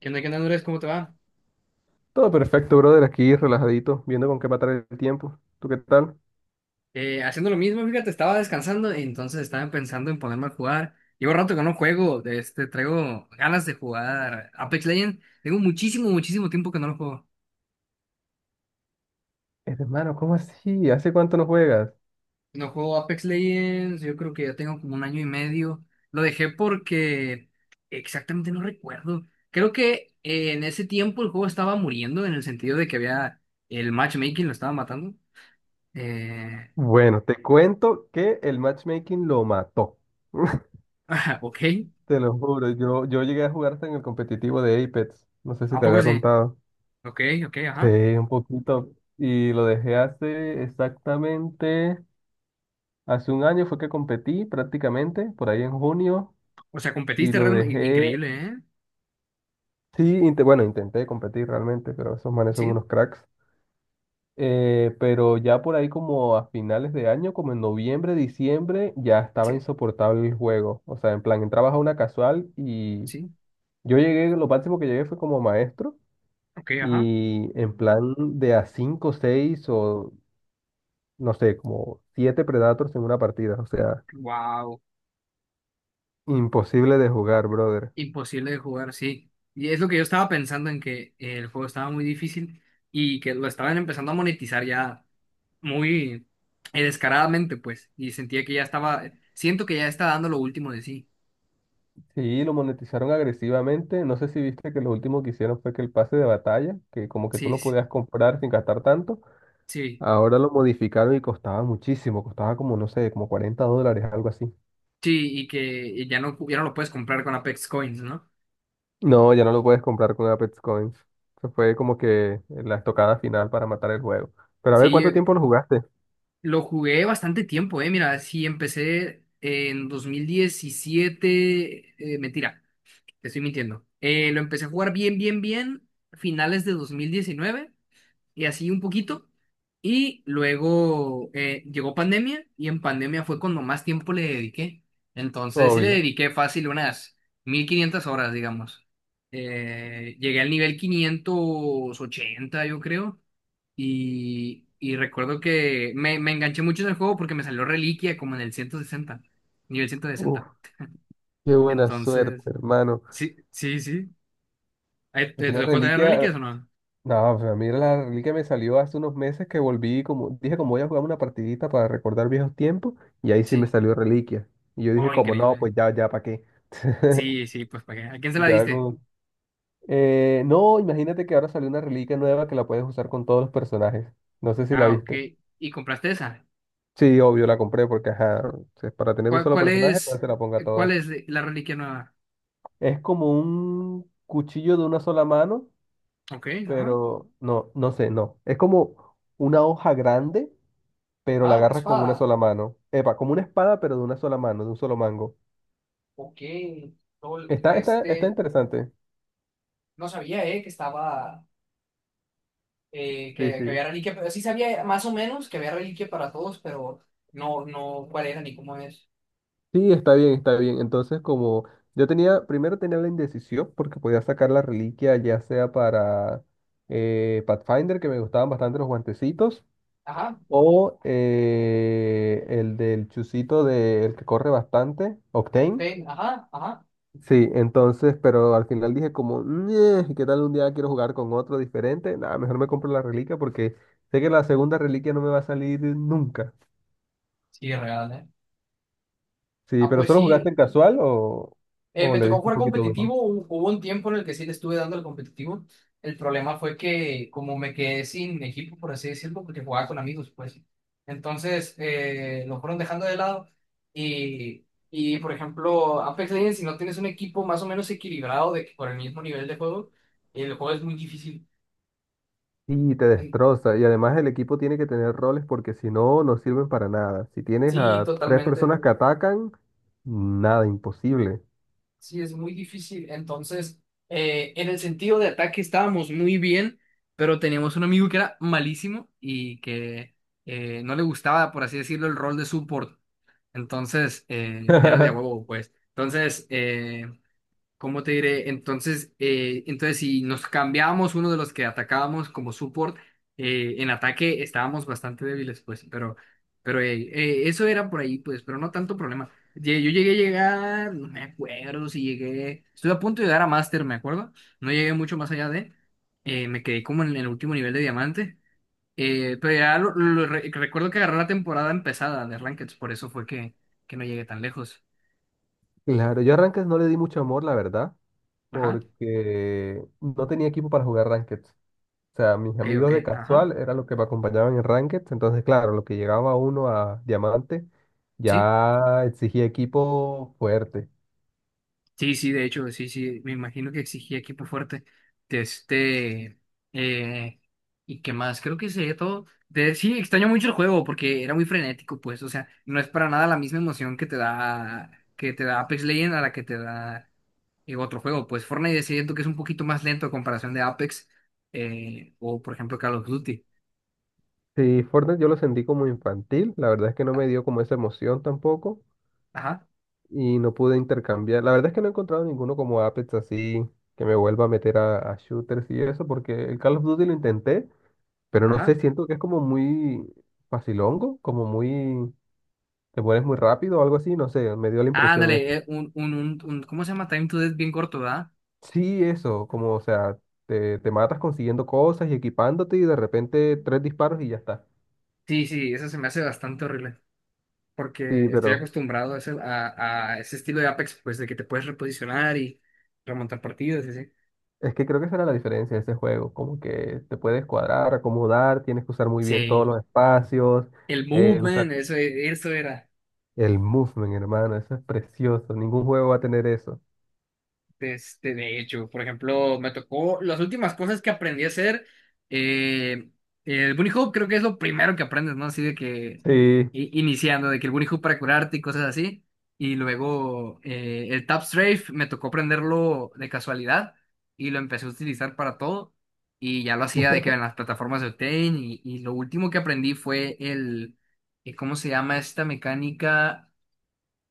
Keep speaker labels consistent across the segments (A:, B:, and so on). A: Qué onda, Andrés? ¿Cómo te va?
B: Todo perfecto, brother, aquí relajadito, viendo con qué matar el tiempo. ¿Tú qué tal?
A: Haciendo lo mismo, fíjate, estaba descansando, entonces estaba pensando en ponerme a jugar. Llevo rato que no juego, este, traigo ganas de jugar Apex Legends. Tengo muchísimo, muchísimo tiempo que no lo juego.
B: Es hermano, ¿cómo así? ¿Hace cuánto no juegas?
A: No juego Apex Legends, yo creo que ya tengo como un año y medio. Lo dejé porque exactamente no recuerdo. Creo que en ese tiempo el juego estaba muriendo en el sentido de que había el matchmaking lo estaba matando. Eh,
B: Bueno, te cuento que el matchmaking lo mató.
A: ok,
B: Te lo juro, yo llegué a jugar hasta en el competitivo de Apex. No sé si
A: ¿a
B: te
A: poco
B: había
A: sí?
B: contado.
A: Ok, ok,
B: Sí,
A: ajá.
B: un poquito. Y lo dejé hace exactamente, hace un año fue que competí prácticamente, por ahí en junio,
A: O sea,
B: y
A: competiste
B: lo
A: realmente
B: dejé,
A: increíble, ¿eh?
B: sí, bueno, intenté competir realmente, pero esos manes son
A: Sí,
B: unos cracks. Pero ya por ahí como a finales de año, como en noviembre, diciembre, ya estaba
A: sí,
B: insoportable el juego. O sea, en plan, entrabas a una casual y
A: sí.
B: yo llegué, lo máximo que llegué fue como maestro
A: Ok, ajá.
B: y en plan de a 5 6 o no sé, como 7 Predators en una partida. O sea,
A: Wow.
B: imposible de jugar, brother.
A: Imposible de jugar, sí. Y es lo que yo estaba pensando en que el juego estaba muy difícil y que lo estaban empezando a monetizar ya muy descaradamente, pues. Y sentía que ya estaba, siento que ya está dando lo último de sí.
B: Sí, lo monetizaron agresivamente. No sé si viste que lo último que hicieron fue que el pase de batalla, que como que tú
A: Sí,
B: lo
A: sí,
B: podías comprar sin gastar tanto.
A: sí.
B: Ahora lo modificaron y costaba muchísimo, costaba como, no sé, como 40 dólares, algo así.
A: Sí, y que ya no, ya no lo puedes comprar con Apex Coins, ¿no?
B: No, ya no lo puedes comprar con Apex Coins. Eso fue como que la estocada final para matar el juego. Pero a
A: Sí,
B: ver, ¿cuánto tiempo lo jugaste?
A: lo jugué bastante tiempo, eh. Mira, sí, empecé en 2017. Mentira, te estoy mintiendo. Lo empecé a jugar bien, bien, bien, finales de 2019 y así un poquito. Y luego llegó pandemia y en pandemia fue cuando más tiempo le dediqué. Entonces sí le
B: Obvio.
A: dediqué fácil unas 1500 horas, digamos. Llegué al nivel 580, yo creo. Y recuerdo que me enganché mucho en el juego porque me salió Reliquia como en el 160 nivel ciento
B: Uf,
A: sesenta
B: qué buena suerte,
A: Entonces,
B: hermano.
A: sí, sí, sí. Ahí,
B: A
A: ¿te,
B: mí
A: te
B: la
A: dejó tener Reliquias o
B: reliquia,
A: no?
B: no, pues a mí la reliquia me salió hace unos meses que volví, como dije, como voy a jugar una partidita para recordar viejos tiempos, y ahí sí me
A: Sí.
B: salió reliquia. Y yo dije,
A: Oh,
B: como no,
A: increíble.
B: pues ya, ya, ¿para qué?
A: Sí, sí, pues ¿para qué? ¿A quién se la
B: Ya,
A: diste?
B: como no, imagínate que ahora salió una reliquia nueva que la puedes usar con todos los personajes. No sé si la
A: Ah, ok.
B: viste.
A: ¿Y compraste esa?
B: Sí, obvio, la compré porque, ajá, es para tener un solo
A: ¿Cuál
B: personaje, no
A: es,
B: se la ponga a
A: cuál
B: todas.
A: es la Reliquia nueva?
B: Es como un cuchillo de una sola mano,
A: Ok, ajá.
B: pero no, no sé, no. Es como una hoja grande, pero la
A: Ah, una
B: agarras con
A: espada.
B: una sola mano. Epa, como una espada, pero de una sola mano, de un solo mango.
A: Ok. Lol,
B: Está
A: este,
B: interesante.
A: no sabía, que estaba.
B: Sí,
A: Que,
B: sí.
A: que había reliquia, pero sí sabía más o menos que había reliquia para todos, pero no, no cuál era ni cómo es.
B: Sí, está bien, está bien. Entonces, como yo tenía, primero tenía la indecisión porque podía sacar la reliquia ya sea para Pathfinder, que me gustaban bastante los guantecitos,
A: Ajá,
B: o el del chusito de, el que corre bastante, Octane.
A: Pepe, ajá, ajá.
B: Sí, entonces, pero al final dije como, "Ñe, ¿qué tal un día quiero jugar con otro diferente? Nada, mejor me compro la reliquia porque sé que la segunda reliquia no me va a salir nunca.
A: Sí, real, ¿eh?
B: Sí,
A: Ah,
B: pero
A: pues
B: ¿solo jugaste en
A: sí.
B: casual o
A: Me
B: le
A: tocó
B: diste un
A: jugar
B: poquito
A: competitivo,
B: duro?
A: hubo un tiempo en el que sí le estuve dando el competitivo. El problema fue que como me quedé sin equipo, por así decirlo, porque jugaba con amigos, pues. Entonces lo fueron dejando de lado y, por ejemplo, Apex Legends, si no tienes un equipo más o menos equilibrado de, por el mismo nivel de juego, el juego es muy difícil.
B: Y te
A: En-
B: destroza. Y además el equipo tiene que tener roles porque si no, no sirven para nada. Si tienes
A: Sí,
B: a tres
A: totalmente.
B: personas que atacan, nada, imposible.
A: Sí, es muy difícil. Entonces, en el sentido de ataque estábamos muy bien, pero teníamos un amigo que era malísimo y que no le gustaba, por así decirlo, el rol de support. Entonces, era de a huevo, pues. ¿Cómo te diré? Entonces, entonces si nos cambiábamos uno de los que atacábamos como support, en ataque estábamos bastante débiles, pues, pero eso era por ahí, pues, pero no tanto problema. Yo llegué a llegar, no me acuerdo si llegué, estuve a punto de llegar a Master, me acuerdo, no llegué mucho más allá de, me quedé como en el último nivel de diamante, pero ya lo recuerdo que agarré la temporada empezada de Rankeds, por eso fue que no llegué tan lejos.
B: Claro, yo a Ranked no le di mucho amor, la verdad,
A: Ajá,
B: porque no tenía equipo para jugar Ranked. O sea, mis
A: ok, ok,
B: amigos de
A: ajá.
B: casual eran los que me acompañaban en Ranked. Entonces, claro, lo que llegaba uno a Diamante
A: Sí.
B: ya exigía equipo fuerte.
A: Sí, sí, de hecho, sí, sí, me imagino que exigía equipo fuerte. De este, eh, ¿y qué más? Creo que sería todo. De, sí, extraño mucho el juego porque era muy frenético, pues, o sea, no es para nada la misma emoción que te da Apex Legends a la que te da otro juego. Pues Fortnite siento que es un poquito más lento a comparación de Apex o, por ejemplo, Call of Duty.
B: Sí, Fortnite yo lo sentí como infantil. La verdad es que no me dio como esa emoción tampoco.
A: Ajá,
B: Y no pude intercambiar. La verdad es que no he encontrado ninguno como Apex así que me vuelva a meter a shooters y eso, porque el Call of Duty lo intenté, pero no sé,
A: ajá.
B: siento que es como muy facilongo, como muy, te pones muy rápido o algo así, no sé, me dio la impresión eso.
A: Ándale, ¿cómo se llama? Time to Death bien corto, ¿verdad?
B: Sí, eso, como, o sea, te matas consiguiendo cosas y equipándote y de repente tres disparos y ya está.
A: Sí, sí, eso se me hace bastante horrible.
B: Sí,
A: Porque estoy
B: pero
A: acostumbrado a ese estilo de Apex, pues de que te puedes reposicionar y remontar partidos, y así.
B: es que creo que esa era la diferencia de ese juego, como que te puedes cuadrar, acomodar, tienes que usar muy bien todos
A: Sí,
B: los espacios,
A: el
B: usar
A: movement, eso era.
B: El movement, hermano, eso es precioso. Ningún juego va a tener eso.
A: Este, de hecho, por ejemplo, me tocó las últimas cosas que aprendí a hacer. eh, el bunny hoop creo que es lo primero que aprendes, ¿no? Así de que
B: Sí.
A: iniciando, de que el bunny hoop para curarte y cosas así. Y luego el tap strafe me tocó aprenderlo de casualidad y lo empecé a utilizar para todo. Y ya lo hacía de que en las plataformas de Octane. Y lo último que aprendí fue el, ¿cómo se llama esta mecánica?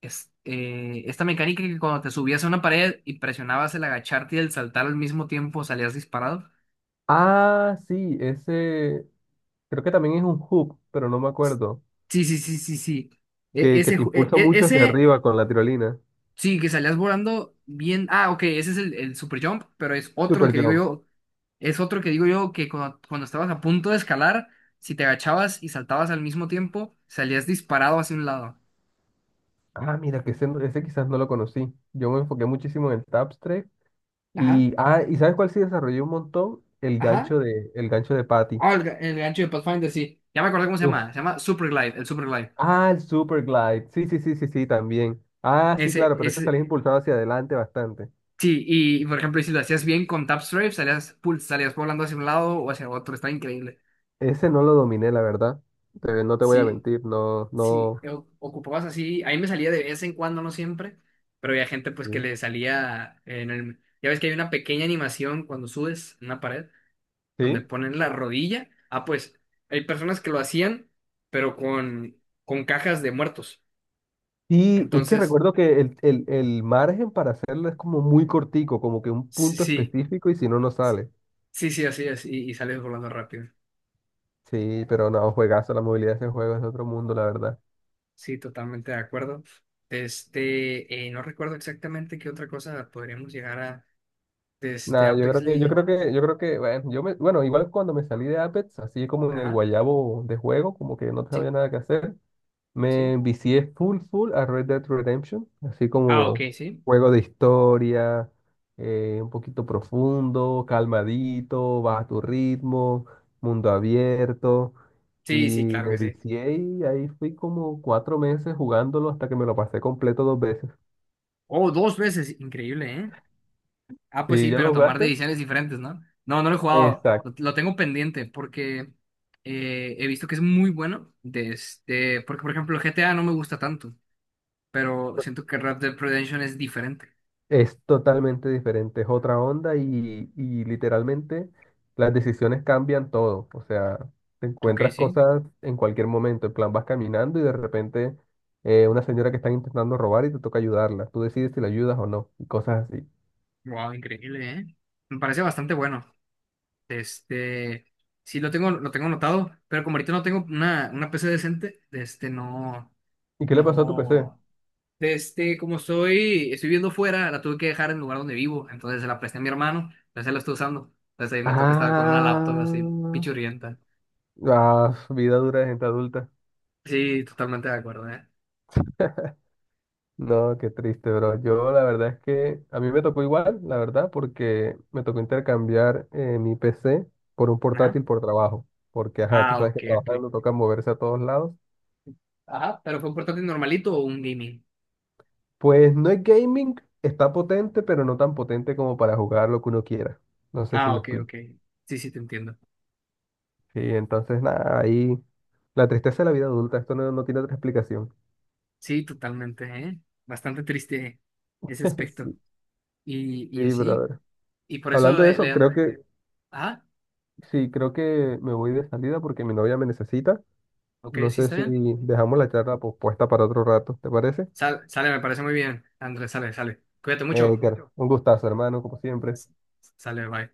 A: Es, esta mecánica que cuando te subías a una pared y presionabas el agacharte y el saltar al mismo tiempo salías disparado.
B: Ah, sí, ese creo que también es un hoop, pero no me acuerdo.
A: Sí, sí, sí, sí, sí. E-
B: Que
A: ese,
B: te
A: ju- e-
B: impulsa
A: e-
B: mucho hacia
A: ese,
B: arriba con la tirolina.
A: sí, que salías volando bien. Ah, ok, ese es el super jump, pero es otro
B: Super
A: que digo
B: Jump.
A: yo, es otro que digo yo que cuando, cuando estabas a punto de escalar, si te agachabas y saltabas al mismo tiempo, salías disparado hacia un lado.
B: Ah, mira, que ese, ese quizás no lo conocí. Yo me enfoqué muchísimo en el Tapstrike.
A: Ajá,
B: Y, ah, ¿y sabes cuál sí desarrolló un montón?
A: ajá.
B: El gancho de Patty.
A: Ah, el, el gancho de Pathfinder, sí. Ya me acordé cómo se llama.
B: Uf.
A: Se llama Super Glide, el Super Glide.
B: Ah, el Super Glide. Sí, sí, sí, sí, sí, también. Ah, sí,
A: Ese,
B: claro, pero este
A: ese,
B: salís impulsado hacia adelante bastante.
A: Sí, y por ejemplo, y si lo hacías bien con tap strafe, salías volando hacia un lado o hacia otro, estaba increíble.
B: Ese no lo dominé, la verdad. No te voy a
A: Sí,
B: mentir, no,
A: sí,
B: no.
A: ocupabas así, ahí me salía de vez en cuando, no siempre, pero había gente pues que
B: Sí.
A: le salía en el... Ya ves que hay una pequeña animación cuando subes una pared, donde
B: Sí,
A: ponen la rodilla. Ah, pues hay personas que lo hacían, pero con cajas de muertos.
B: y es que
A: Entonces,
B: recuerdo que el margen para hacerlo es como muy cortico, como que un
A: sí,
B: punto
A: sí,
B: específico y si no, no sale.
A: sí, sí, así es, y sales volando rápido.
B: Sí, pero no, juegazo, la movilidad de ese juego es de otro mundo, la verdad.
A: Sí, totalmente de acuerdo. Este, no recuerdo exactamente qué otra cosa podríamos llegar a, este
B: Nada,
A: Apex Legends.
B: yo creo que, bueno, yo me, bueno, igual cuando me salí de Apex, así como en el
A: Ajá,
B: guayabo de juego, como que no
A: sí,
B: sabía nada que hacer,
A: sí.
B: me vicié full full a Red Dead Redemption, así
A: Ah, ok,
B: como
A: sí.
B: juego de historia, un poquito profundo, calmadito, baja tu ritmo, mundo abierto.
A: Sí, sí,
B: Y
A: claro que
B: me
A: sí.
B: vicié y ahí fui como cuatro meses jugándolo hasta que me lo pasé completo dos veces.
A: Oh, dos veces, increíble, ¿eh? Ah, pues
B: ¿Sí
A: sí,
B: ya
A: pero
B: lo
A: tomar
B: jugaste?
A: decisiones diferentes, ¿no? No, no lo he jugado,
B: Exacto.
A: lo tengo pendiente porque he visto que es muy bueno. De este, porque, por ejemplo, GTA no me gusta tanto, pero siento que Red Dead Redemption es diferente.
B: Es totalmente diferente, es otra onda y literalmente las decisiones cambian todo. O sea, te
A: Ok,
B: encuentras
A: sí.
B: cosas en cualquier momento. En plan, vas caminando y de repente una señora que están intentando robar y te toca ayudarla. Tú decides si la ayudas o no y cosas así.
A: Wow, increíble, ¿eh? Me parece bastante bueno. Este, sí lo tengo anotado, pero como ahorita no tengo una PC decente, este, no,
B: ¿Y qué le pasó a tu PC?
A: no, este, como estoy, estoy viviendo fuera, la tuve que dejar en el lugar donde vivo, entonces se la presté a mi hermano, entonces la estoy usando, entonces ahí me toca estar con una laptop así,
B: Ah,
A: pichurrienta.
B: ah, vida dura de gente adulta.
A: Sí, totalmente de acuerdo, ¿eh?
B: No, qué triste, bro. Yo la verdad es que a mí me tocó igual, la verdad, porque me tocó intercambiar mi PC por un
A: Ajá.
B: portátil por trabajo, porque, ajá, tú
A: Ah,
B: sabes que
A: ok, ok.
B: trabajando toca moverse a todos lados.
A: Ajá, pero fue un portátil normalito o un gaming.
B: Pues no es gaming, está potente, pero no tan potente como para jugar lo que uno quiera. No sé si
A: Ah,
B: me
A: ok,
B: explico.
A: ok. Sí, sí, te entiendo.
B: Sí, entonces, nada, ahí la tristeza de la vida adulta, esto no, no tiene otra explicación.
A: Sí, totalmente, ¿eh? Bastante triste ese aspecto.
B: Sí,
A: Y
B: sí,
A: así.
B: brother.
A: Y por eso
B: Hablando de
A: le
B: eso, creo
A: dan...
B: que,
A: Ah,
B: sí, creo que me voy de salida porque mi novia me necesita.
A: ok,
B: No
A: sí
B: sé
A: está
B: si
A: bien.
B: dejamos la charla pospuesta para otro rato, ¿te parece?
A: Sale, me parece muy bien. Andrés, sale, sale. Cuídate mucho.
B: Edgar, un gustazo, hermano, como siempre.
A: S- Sale, bye.